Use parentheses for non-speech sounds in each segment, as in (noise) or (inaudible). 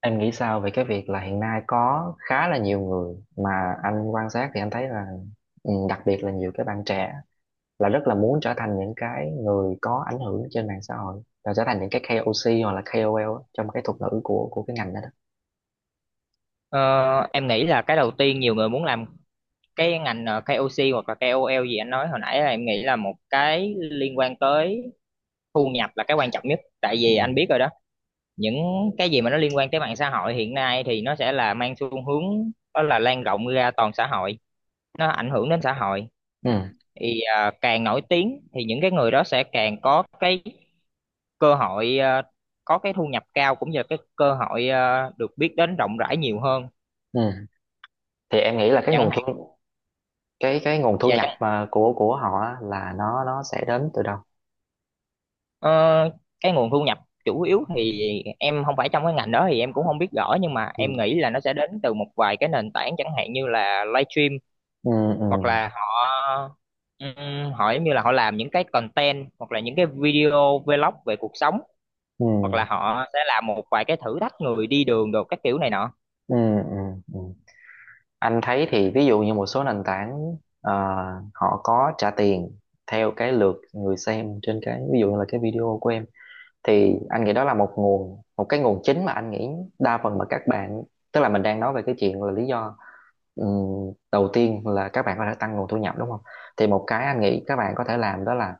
Em nghĩ sao về cái việc là hiện nay có khá là nhiều người mà anh quan sát thì anh thấy là đặc biệt là nhiều cái bạn trẻ là rất là muốn trở thành những cái người có ảnh hưởng trên mạng xã hội là trở thành những cái KOC hoặc là KOL á, trong cái thuật ngữ của cái ngành đó đó. Ờ, em nghĩ là cái đầu tiên nhiều người muốn làm cái ngành KOC hoặc là KOL gì anh nói hồi nãy là em nghĩ là một cái liên quan tới thu nhập là cái quan trọng nhất. Tại Ừ. vì anh biết rồi đó, những cái gì mà nó liên quan tới mạng xã hội hiện nay thì nó sẽ là mang xu hướng đó là lan rộng ra toàn xã hội, nó ảnh hưởng đến xã hội. Ừ. Thì càng nổi tiếng thì những cái người đó sẽ càng có cái cơ hội có cái thu nhập cao cũng như là cái cơ hội được biết đến rộng rãi nhiều hơn Ừ. Thì em nghĩ là cái chẳng nguồn hạn. thu cái cái nguồn thu Và nhập mà của họ á, là nó sẽ đến từ đâu? Ờ, cái nguồn thu nhập chủ yếu thì em không phải trong cái ngành đó thì em cũng không biết rõ, nhưng mà Ừ. em nghĩ là nó sẽ đến từ một vài cái nền tảng chẳng hạn như là livestream, Ừ. hoặc Ừ. là họ họ giống như là họ làm những cái content hoặc là những cái video vlog về cuộc sống, Ừ. hoặc là họ sẽ làm một vài cái thử thách người đi đường đồ các kiểu này nọ. Ừ. Ừ. Ừ. Anh thấy thì ví dụ như một số nền tảng ờ, họ có trả tiền theo cái lượt người xem trên cái ví dụ như là cái video của em, thì anh nghĩ đó là một cái nguồn chính mà anh nghĩ đa phần mà các bạn, tức là mình đang nói về cái chuyện là lý do đầu tiên là các bạn có thể tăng nguồn thu nhập đúng không, thì một cái anh nghĩ các bạn có thể làm đó là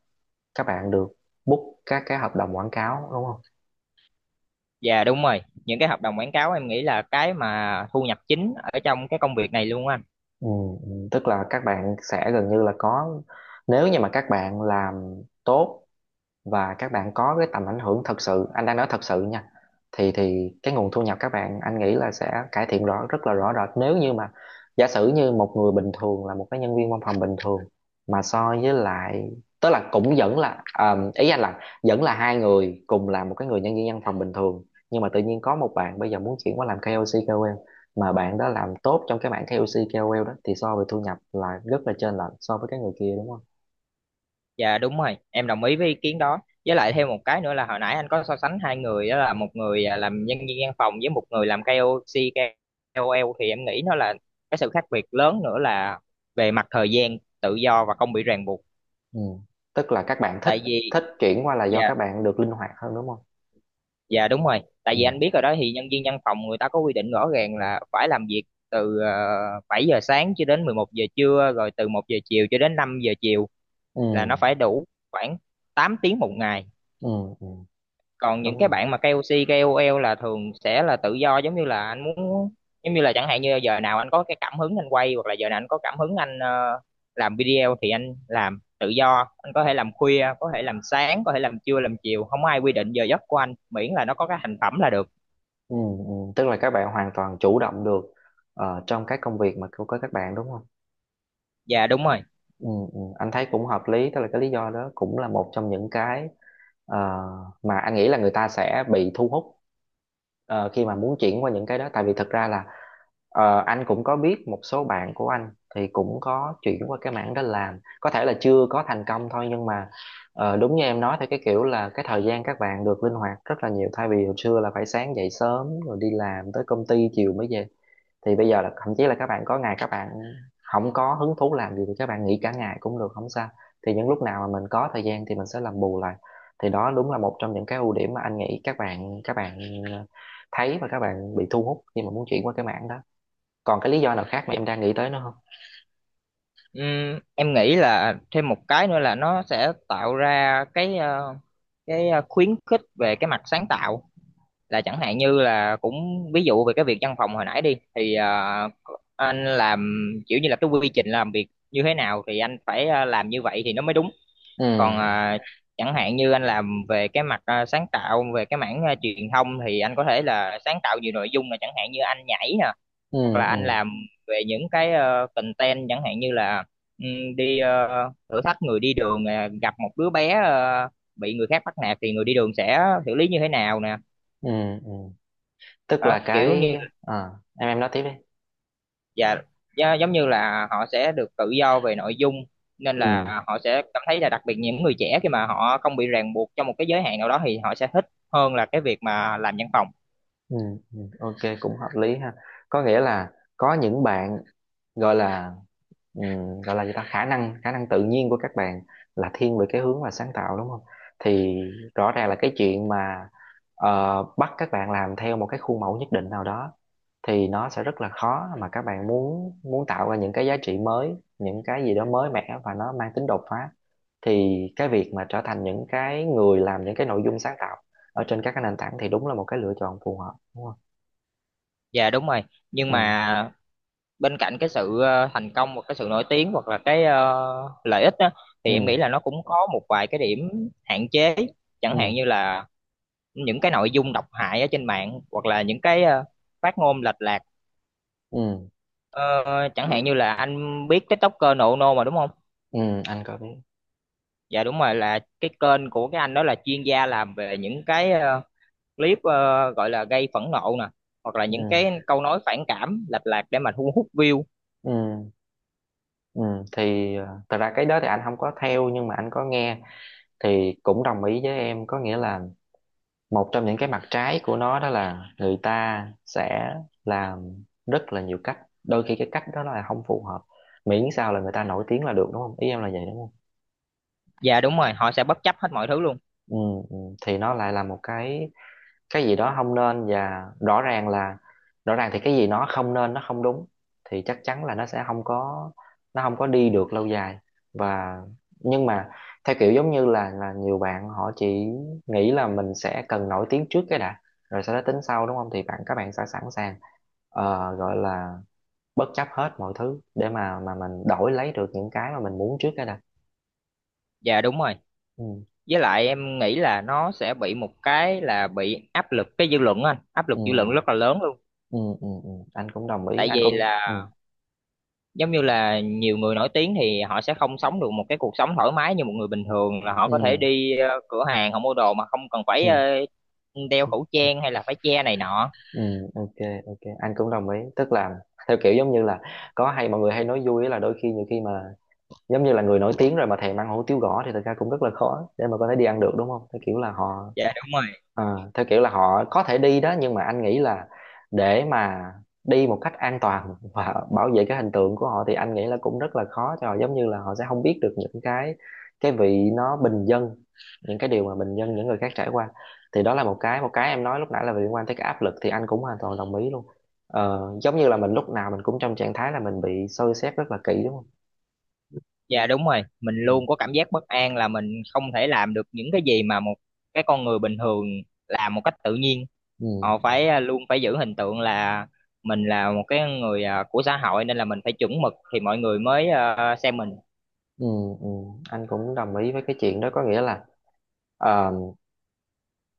các bạn được book các cái hợp đồng quảng cáo đúng không. Dạ đúng rồi, những cái hợp đồng quảng cáo em nghĩ là cái mà thu nhập chính ở trong cái công việc này luôn á anh. Tức là các bạn sẽ gần như là có, nếu như mà các bạn làm tốt và các bạn có cái tầm ảnh hưởng thật sự, anh đang nói thật sự nha, thì cái nguồn thu nhập các bạn anh nghĩ là sẽ cải thiện rất là rõ rệt, nếu như mà giả sử như một người bình thường là một cái nhân viên văn phòng bình thường mà so với lại, tức là cũng vẫn là à, ý anh là vẫn là hai người cùng là một cái người nhân viên văn phòng bình thường, nhưng mà tự nhiên có một bạn bây giờ muốn chuyển qua làm KOC KOL, mà bạn đó làm tốt trong cái mảng KOC KOL đó thì so về thu nhập là rất là trên lệch so với cái người kia đúng không. Dạ đúng rồi, em đồng ý với ý kiến đó. Với lại Ừ. thêm một cái nữa là hồi nãy anh có so sánh hai người đó là một người làm nhân viên văn phòng với một người làm KOC, KOL thì em nghĩ nó là cái sự khác biệt lớn nữa là về mặt thời gian tự do và không bị ràng buộc. Ừ. Tức là các bạn thích Tại vì thích chuyển qua là do dạ các bạn được linh hoạt hơn đúng không. dạ đúng rồi. Tại vì Ừ. anh biết rồi đó thì nhân viên văn phòng người ta có quy định rõ ràng là phải làm việc từ 7 giờ sáng cho đến 11 giờ trưa rồi từ 1 giờ chiều cho đến 5 giờ chiều, Ừ. là nó phải đủ khoảng 8 tiếng một ngày. Ừ. Ừ. Còn những Đúng cái rồi. bạn mà KOC, KOL là thường sẽ là tự do, giống như là anh muốn, giống như là chẳng hạn như giờ nào anh có cái cảm hứng anh quay hoặc là giờ nào anh có cảm hứng anh làm video thì anh làm tự do, anh có thể làm khuya, có thể làm sáng, có thể làm trưa, làm chiều, không ai quy định giờ giấc của anh miễn là nó có cái thành phẩm là được. Ừ. Ừ. Tức là các bạn hoàn toàn chủ động được trong các công việc mà của các bạn đúng không. Dạ đúng rồi. Ừ, ừ, anh thấy cũng hợp lý, tức là cái lý do đó cũng là một trong những cái ờ, mà anh nghĩ là người ta sẽ bị thu hút khi mà muốn chuyển qua những cái đó, tại vì thật ra là anh cũng có biết một số bạn của anh thì cũng có chuyển qua cái mảng đó làm, có thể là chưa có thành công thôi nhưng mà đúng như em nói, thì cái kiểu là cái thời gian các bạn được linh hoạt rất là nhiều, thay vì hồi xưa là phải sáng dậy sớm rồi đi làm tới công ty chiều mới về, thì bây giờ là thậm chí là các bạn có ngày các bạn không có hứng thú làm gì thì các bạn nghỉ cả ngày cũng được không sao, thì những lúc nào mà mình có thời gian thì mình sẽ làm bù lại, thì đó đúng là một trong những cái ưu điểm mà anh nghĩ các bạn thấy và các bạn bị thu hút khi mà muốn chuyển qua cái mảng đó. Còn cái lý do nào khác mà em đang nghĩ tới nữa không? Em nghĩ là thêm một cái nữa là nó sẽ tạo ra cái khuyến khích về cái mặt sáng tạo, là chẳng hạn như là cũng ví dụ về cái việc văn phòng hồi nãy đi thì anh làm kiểu như là cái quy trình làm việc như thế nào thì anh phải làm như vậy thì nó mới đúng. Còn Ừ. Chẳng hạn như anh làm về cái mặt sáng tạo về cái mảng truyền thông thì anh có thể là sáng tạo nhiều nội dung, là chẳng hạn như anh nhảy nè, Ừ. hoặc là anh Ừ. làm về những cái content chẳng hạn như là đi thử thách người đi đường nè, gặp một đứa bé bị người khác bắt nạt thì người đi đường sẽ xử lý như thế nào nè. Ừ. Ừ. Tức Đó, là kiểu như. cái à, em nói tiếp đi. Dạ, dạ, giống như là họ sẽ được tự do về nội dung nên Ừ. là họ sẽ cảm thấy là đặc biệt những người trẻ khi mà họ không bị ràng buộc trong một cái giới hạn nào đó thì họ sẽ thích hơn là cái việc mà làm văn phòng. Ừ. Ừ, ok cũng hợp lý ha, có nghĩa là có những bạn gọi là gọi là gì ta, khả năng tự nhiên của các bạn là thiên về cái hướng là sáng tạo đúng không, thì rõ ràng là cái chuyện mà bắt các bạn làm theo một cái khuôn mẫu nhất định nào đó thì nó sẽ rất là khó mà các bạn muốn muốn tạo ra những cái giá trị mới, những cái gì đó mới mẻ và nó mang tính đột phá, thì cái việc mà trở thành những cái người làm những cái nội dung sáng tạo ở trên các cái nền tảng thì đúng là một cái lựa chọn phù hợp đúng không. Dạ đúng rồi. Nhưng Ừ. mà bên cạnh cái sự thành công hoặc cái sự nổi tiếng hoặc là cái lợi ích đó, thì em Ừ. nghĩ là nó cũng có một vài cái điểm hạn chế, chẳng hạn Ừ. như là những cái nội dung độc hại ở trên mạng hoặc là những cái phát ngôn lệch lạc. Ừ. Ờ, Chẳng hạn như là anh biết TikToker nộ nô mà đúng không? Ừ, anh có biết. Dạ đúng rồi, là cái kênh của cái anh đó là chuyên gia làm về những cái clip gọi là gây phẫn nộ nè, hoặc là Ừ. những cái câu nói phản cảm lệch lạc để mà thu hút view. Ừ. Ừ, thì thật ra cái đó thì anh không có theo nhưng mà anh có nghe, thì cũng đồng ý với em, có nghĩa là một trong những cái mặt trái của nó đó là người ta sẽ làm rất là nhiều cách, đôi khi cái cách đó là không phù hợp, miễn sao là người ta nổi tiếng là được đúng không, ý em là vậy đúng Dạ đúng rồi, họ sẽ bất chấp hết mọi thứ luôn. không. Ừ, ừ, thì nó lại là một cái gì đó không nên, và rõ ràng thì cái gì nó không nên nó không đúng thì chắc chắn là nó không có đi được lâu dài, và nhưng mà theo kiểu giống như là nhiều bạn họ chỉ nghĩ là mình sẽ cần nổi tiếng trước cái đã, rồi sau đó tính sau đúng không, thì các bạn sẽ sẵn sàng gọi là bất chấp hết mọi thứ để mà mình đổi lấy được những cái mà mình muốn trước cái đã. Dạ đúng rồi, Ừ. với lại em nghĩ là nó sẽ bị một cái là bị áp lực cái dư luận á anh, áp lực Ừ. dư luận rất là lớn luôn. Ừ. Ừ. Ừ. Ừ, anh cũng đồng ý, Tại anh vì cũng ừ. là giống như là nhiều người nổi tiếng thì họ sẽ không sống được một cái cuộc sống thoải mái như một người bình thường, là họ có thể Ừ. đi cửa hàng họ mua đồ mà không cần phải Ừ. Đeo khẩu trang hay là phải che này nọ. Ừ, ok, ok, anh cũng đồng ý, tức là theo kiểu giống như là có, hay mọi người hay nói vui á là đôi khi nhiều khi mà giống như là người nổi tiếng rồi mà thèm ăn hủ tiếu gõ thì thật ra cũng rất là khó để mà có thể đi ăn được đúng không, theo kiểu là họ Dạ đúng rồi. ờ, theo kiểu là họ có thể đi đó nhưng mà anh nghĩ là để mà đi một cách an toàn (laughs) và bảo vệ cái hình tượng của họ thì anh nghĩ là cũng rất là khó cho họ, giống như là họ sẽ không biết được những cái vị nó bình dân, những cái điều mà bình dân những người khác trải qua, thì đó là một cái em nói lúc nãy là liên quan tới cái áp lực, thì anh cũng hoàn toàn đồng ý luôn, giống như là mình lúc nào mình cũng trong trạng thái là mình bị soi xét rất là kỹ đúng không. Dạ đúng rồi, mình Ừ, luôn có cảm giác bất an là mình không thể làm được những cái gì mà một cái con người bình thường làm một cách tự nhiên. ừ, Họ phải luôn phải giữ hình tượng là mình là một cái người của xã hội nên là mình phải chuẩn mực thì mọi người mới xem mình. ừ, ừ, anh cũng đồng ý với cái chuyện đó, có nghĩa là ờ,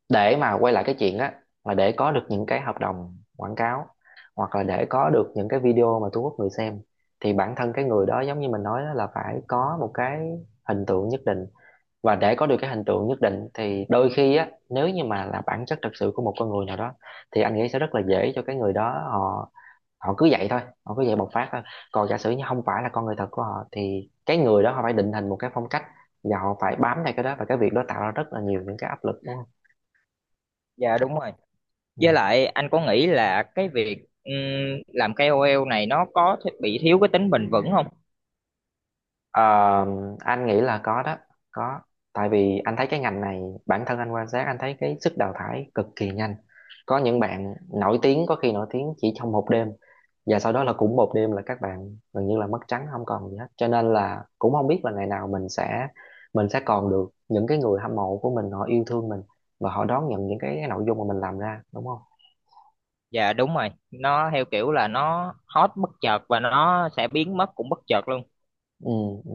để mà quay lại cái chuyện á, là để có được những cái hợp đồng quảng cáo hoặc là để có được những cái video mà thu hút người xem, thì bản thân cái người đó giống như mình nói đó là phải có một cái hình tượng nhất định, và để có được cái hình tượng nhất định thì đôi khi á, nếu như mà là bản chất thật sự của một con người nào đó thì anh nghĩ sẽ rất là dễ cho cái người đó, họ họ cứ vậy thôi, họ cứ vậy bộc phát thôi, còn giả sử như không phải là con người thật của họ thì cái người đó họ phải định hình một cái phong cách và họ phải bám theo cái đó, và cái việc đó tạo ra rất là nhiều những cái áp lực đúng. Dạ đúng rồi. Với lại anh có nghĩ là cái việc làm KOL này nó có bị thiếu cái tính bền vững không? Ờ, anh nghĩ là có đó, có, tại vì anh thấy cái ngành này, bản thân anh quan sát anh thấy cái sức đào thải cực kỳ nhanh, có những bạn nổi tiếng có khi nổi tiếng chỉ trong một đêm và sau đó là cũng một đêm là các bạn gần như là mất trắng không còn gì hết, cho nên là cũng không biết là ngày nào mình sẽ còn được những cái người hâm mộ của mình họ yêu thương mình và họ đón nhận những cái nội dung mà mình làm ra đúng không. Dạ đúng rồi, nó theo kiểu là nó hot bất chợt và nó sẽ biến mất cũng bất chợt luôn. Ừ, ừ.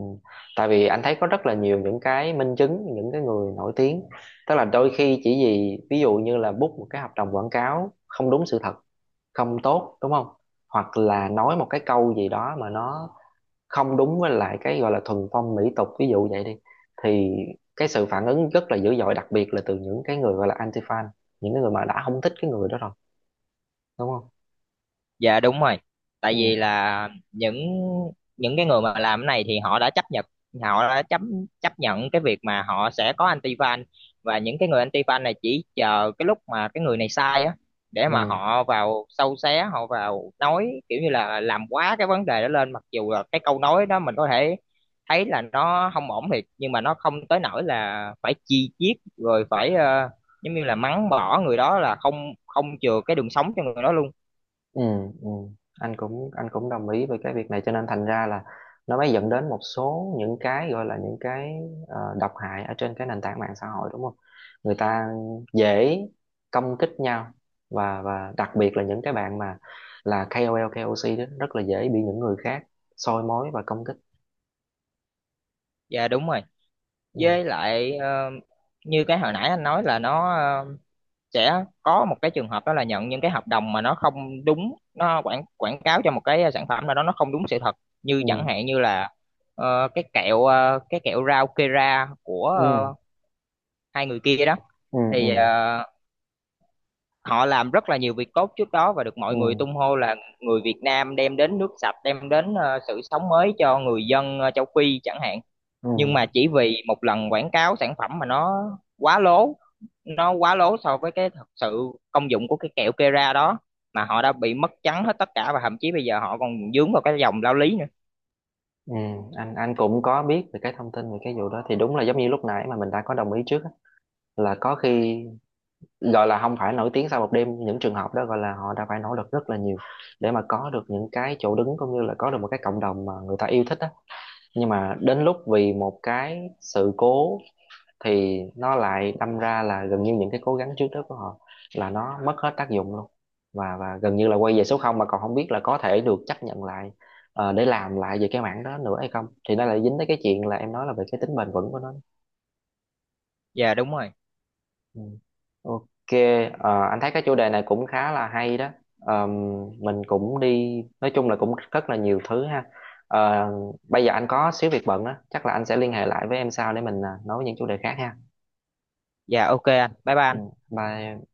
Tại vì anh thấy có rất là nhiều những cái minh chứng những cái người nổi tiếng, tức là đôi khi chỉ vì ví dụ như là book một cái hợp đồng quảng cáo không đúng sự thật, không tốt đúng không, hoặc là nói một cái câu gì đó mà nó không đúng với lại cái gọi là thuần phong mỹ tục, ví dụ vậy đi, thì cái sự phản ứng rất là dữ dội, đặc biệt là từ những cái người gọi là anti fan, những cái người mà đã không thích cái người đó rồi đúng không. Dạ đúng rồi, tại vì Ừ, là những cái người mà làm cái này thì họ đã chấp nhận họ đã chấp chấp nhận cái việc mà họ sẽ có anti fan, và những cái người anti fan này chỉ chờ cái lúc mà cái người này sai á, để mà ừ. họ vào sâu xé, họ vào nói kiểu như là làm quá cái vấn đề đó lên, mặc dù là cái câu nói đó mình có thể thấy là nó không ổn thiệt nhưng mà nó không tới nỗi là phải chi chiết rồi phải giống như là mắng bỏ người đó, là không không chừa cái đường sống cho người đó luôn. Ừ, ừ, anh cũng đồng ý với cái việc này, cho nên thành ra là nó mới dẫn đến một số những cái gọi là những cái độc hại ở trên cái nền tảng mạng xã hội đúng không, người ta dễ công kích nhau, và đặc biệt là những cái bạn mà là KOL KOC đó rất là dễ bị những người khác soi mói và công kích. Dạ đúng rồi, Ừ. với lại như cái hồi nãy anh nói là nó sẽ có một cái trường hợp đó là nhận những cái hợp đồng mà nó không đúng, nó quảng quảng cáo cho một cái sản phẩm nào đó nó không đúng sự thật, như Ừ. chẳng hạn như là cái kẹo rau Kera của Ừ. Hai người kia đó. Ừ. Thì Ừ. Họ làm rất là nhiều việc tốt trước đó và được mọi người Ừ. tung hô là người Việt Nam đem đến nước sạch, đem đến sự sống mới cho người dân châu Phi chẳng hạn, Ừ. nhưng mà chỉ vì một lần quảng cáo sản phẩm mà nó quá lố, nó quá lố so với cái thật sự công dụng của cái kẹo Kera đó, mà họ đã bị mất trắng hết tất cả và thậm chí bây giờ họ còn vướng vào cái dòng lao lý nữa. Ừ. anh cũng có biết về cái thông tin về cái vụ đó, thì đúng là giống như lúc nãy mà mình đã có đồng ý trước á, là có khi gọi là không phải nổi tiếng sau một đêm, những trường hợp đó gọi là họ đã phải nỗ lực rất là nhiều để mà có được những cái chỗ đứng cũng như là có được một cái cộng đồng mà người ta yêu thích á, nhưng mà đến lúc vì một cái sự cố thì nó lại đâm ra là gần như những cái cố gắng trước đó của họ là nó mất hết tác dụng luôn, và gần như là quay về số không, mà còn không biết là có thể được chấp nhận lại để làm lại về cái mảng đó nữa hay không, thì nó lại dính tới cái chuyện là em nói là về cái tính bền vững của nó. Dạ đúng rồi. Ừ. Ok, anh thấy cái chủ đề này cũng khá là hay đó. Ờm, mình cũng đi, nói chung là cũng rất là nhiều thứ ha. Ờ, Bây giờ anh có xíu việc bận á, chắc là anh sẽ liên hệ lại với em sau để mình à, nói những chủ đề khác ha. Dạ, ok anh bye Ừ, bye. bye.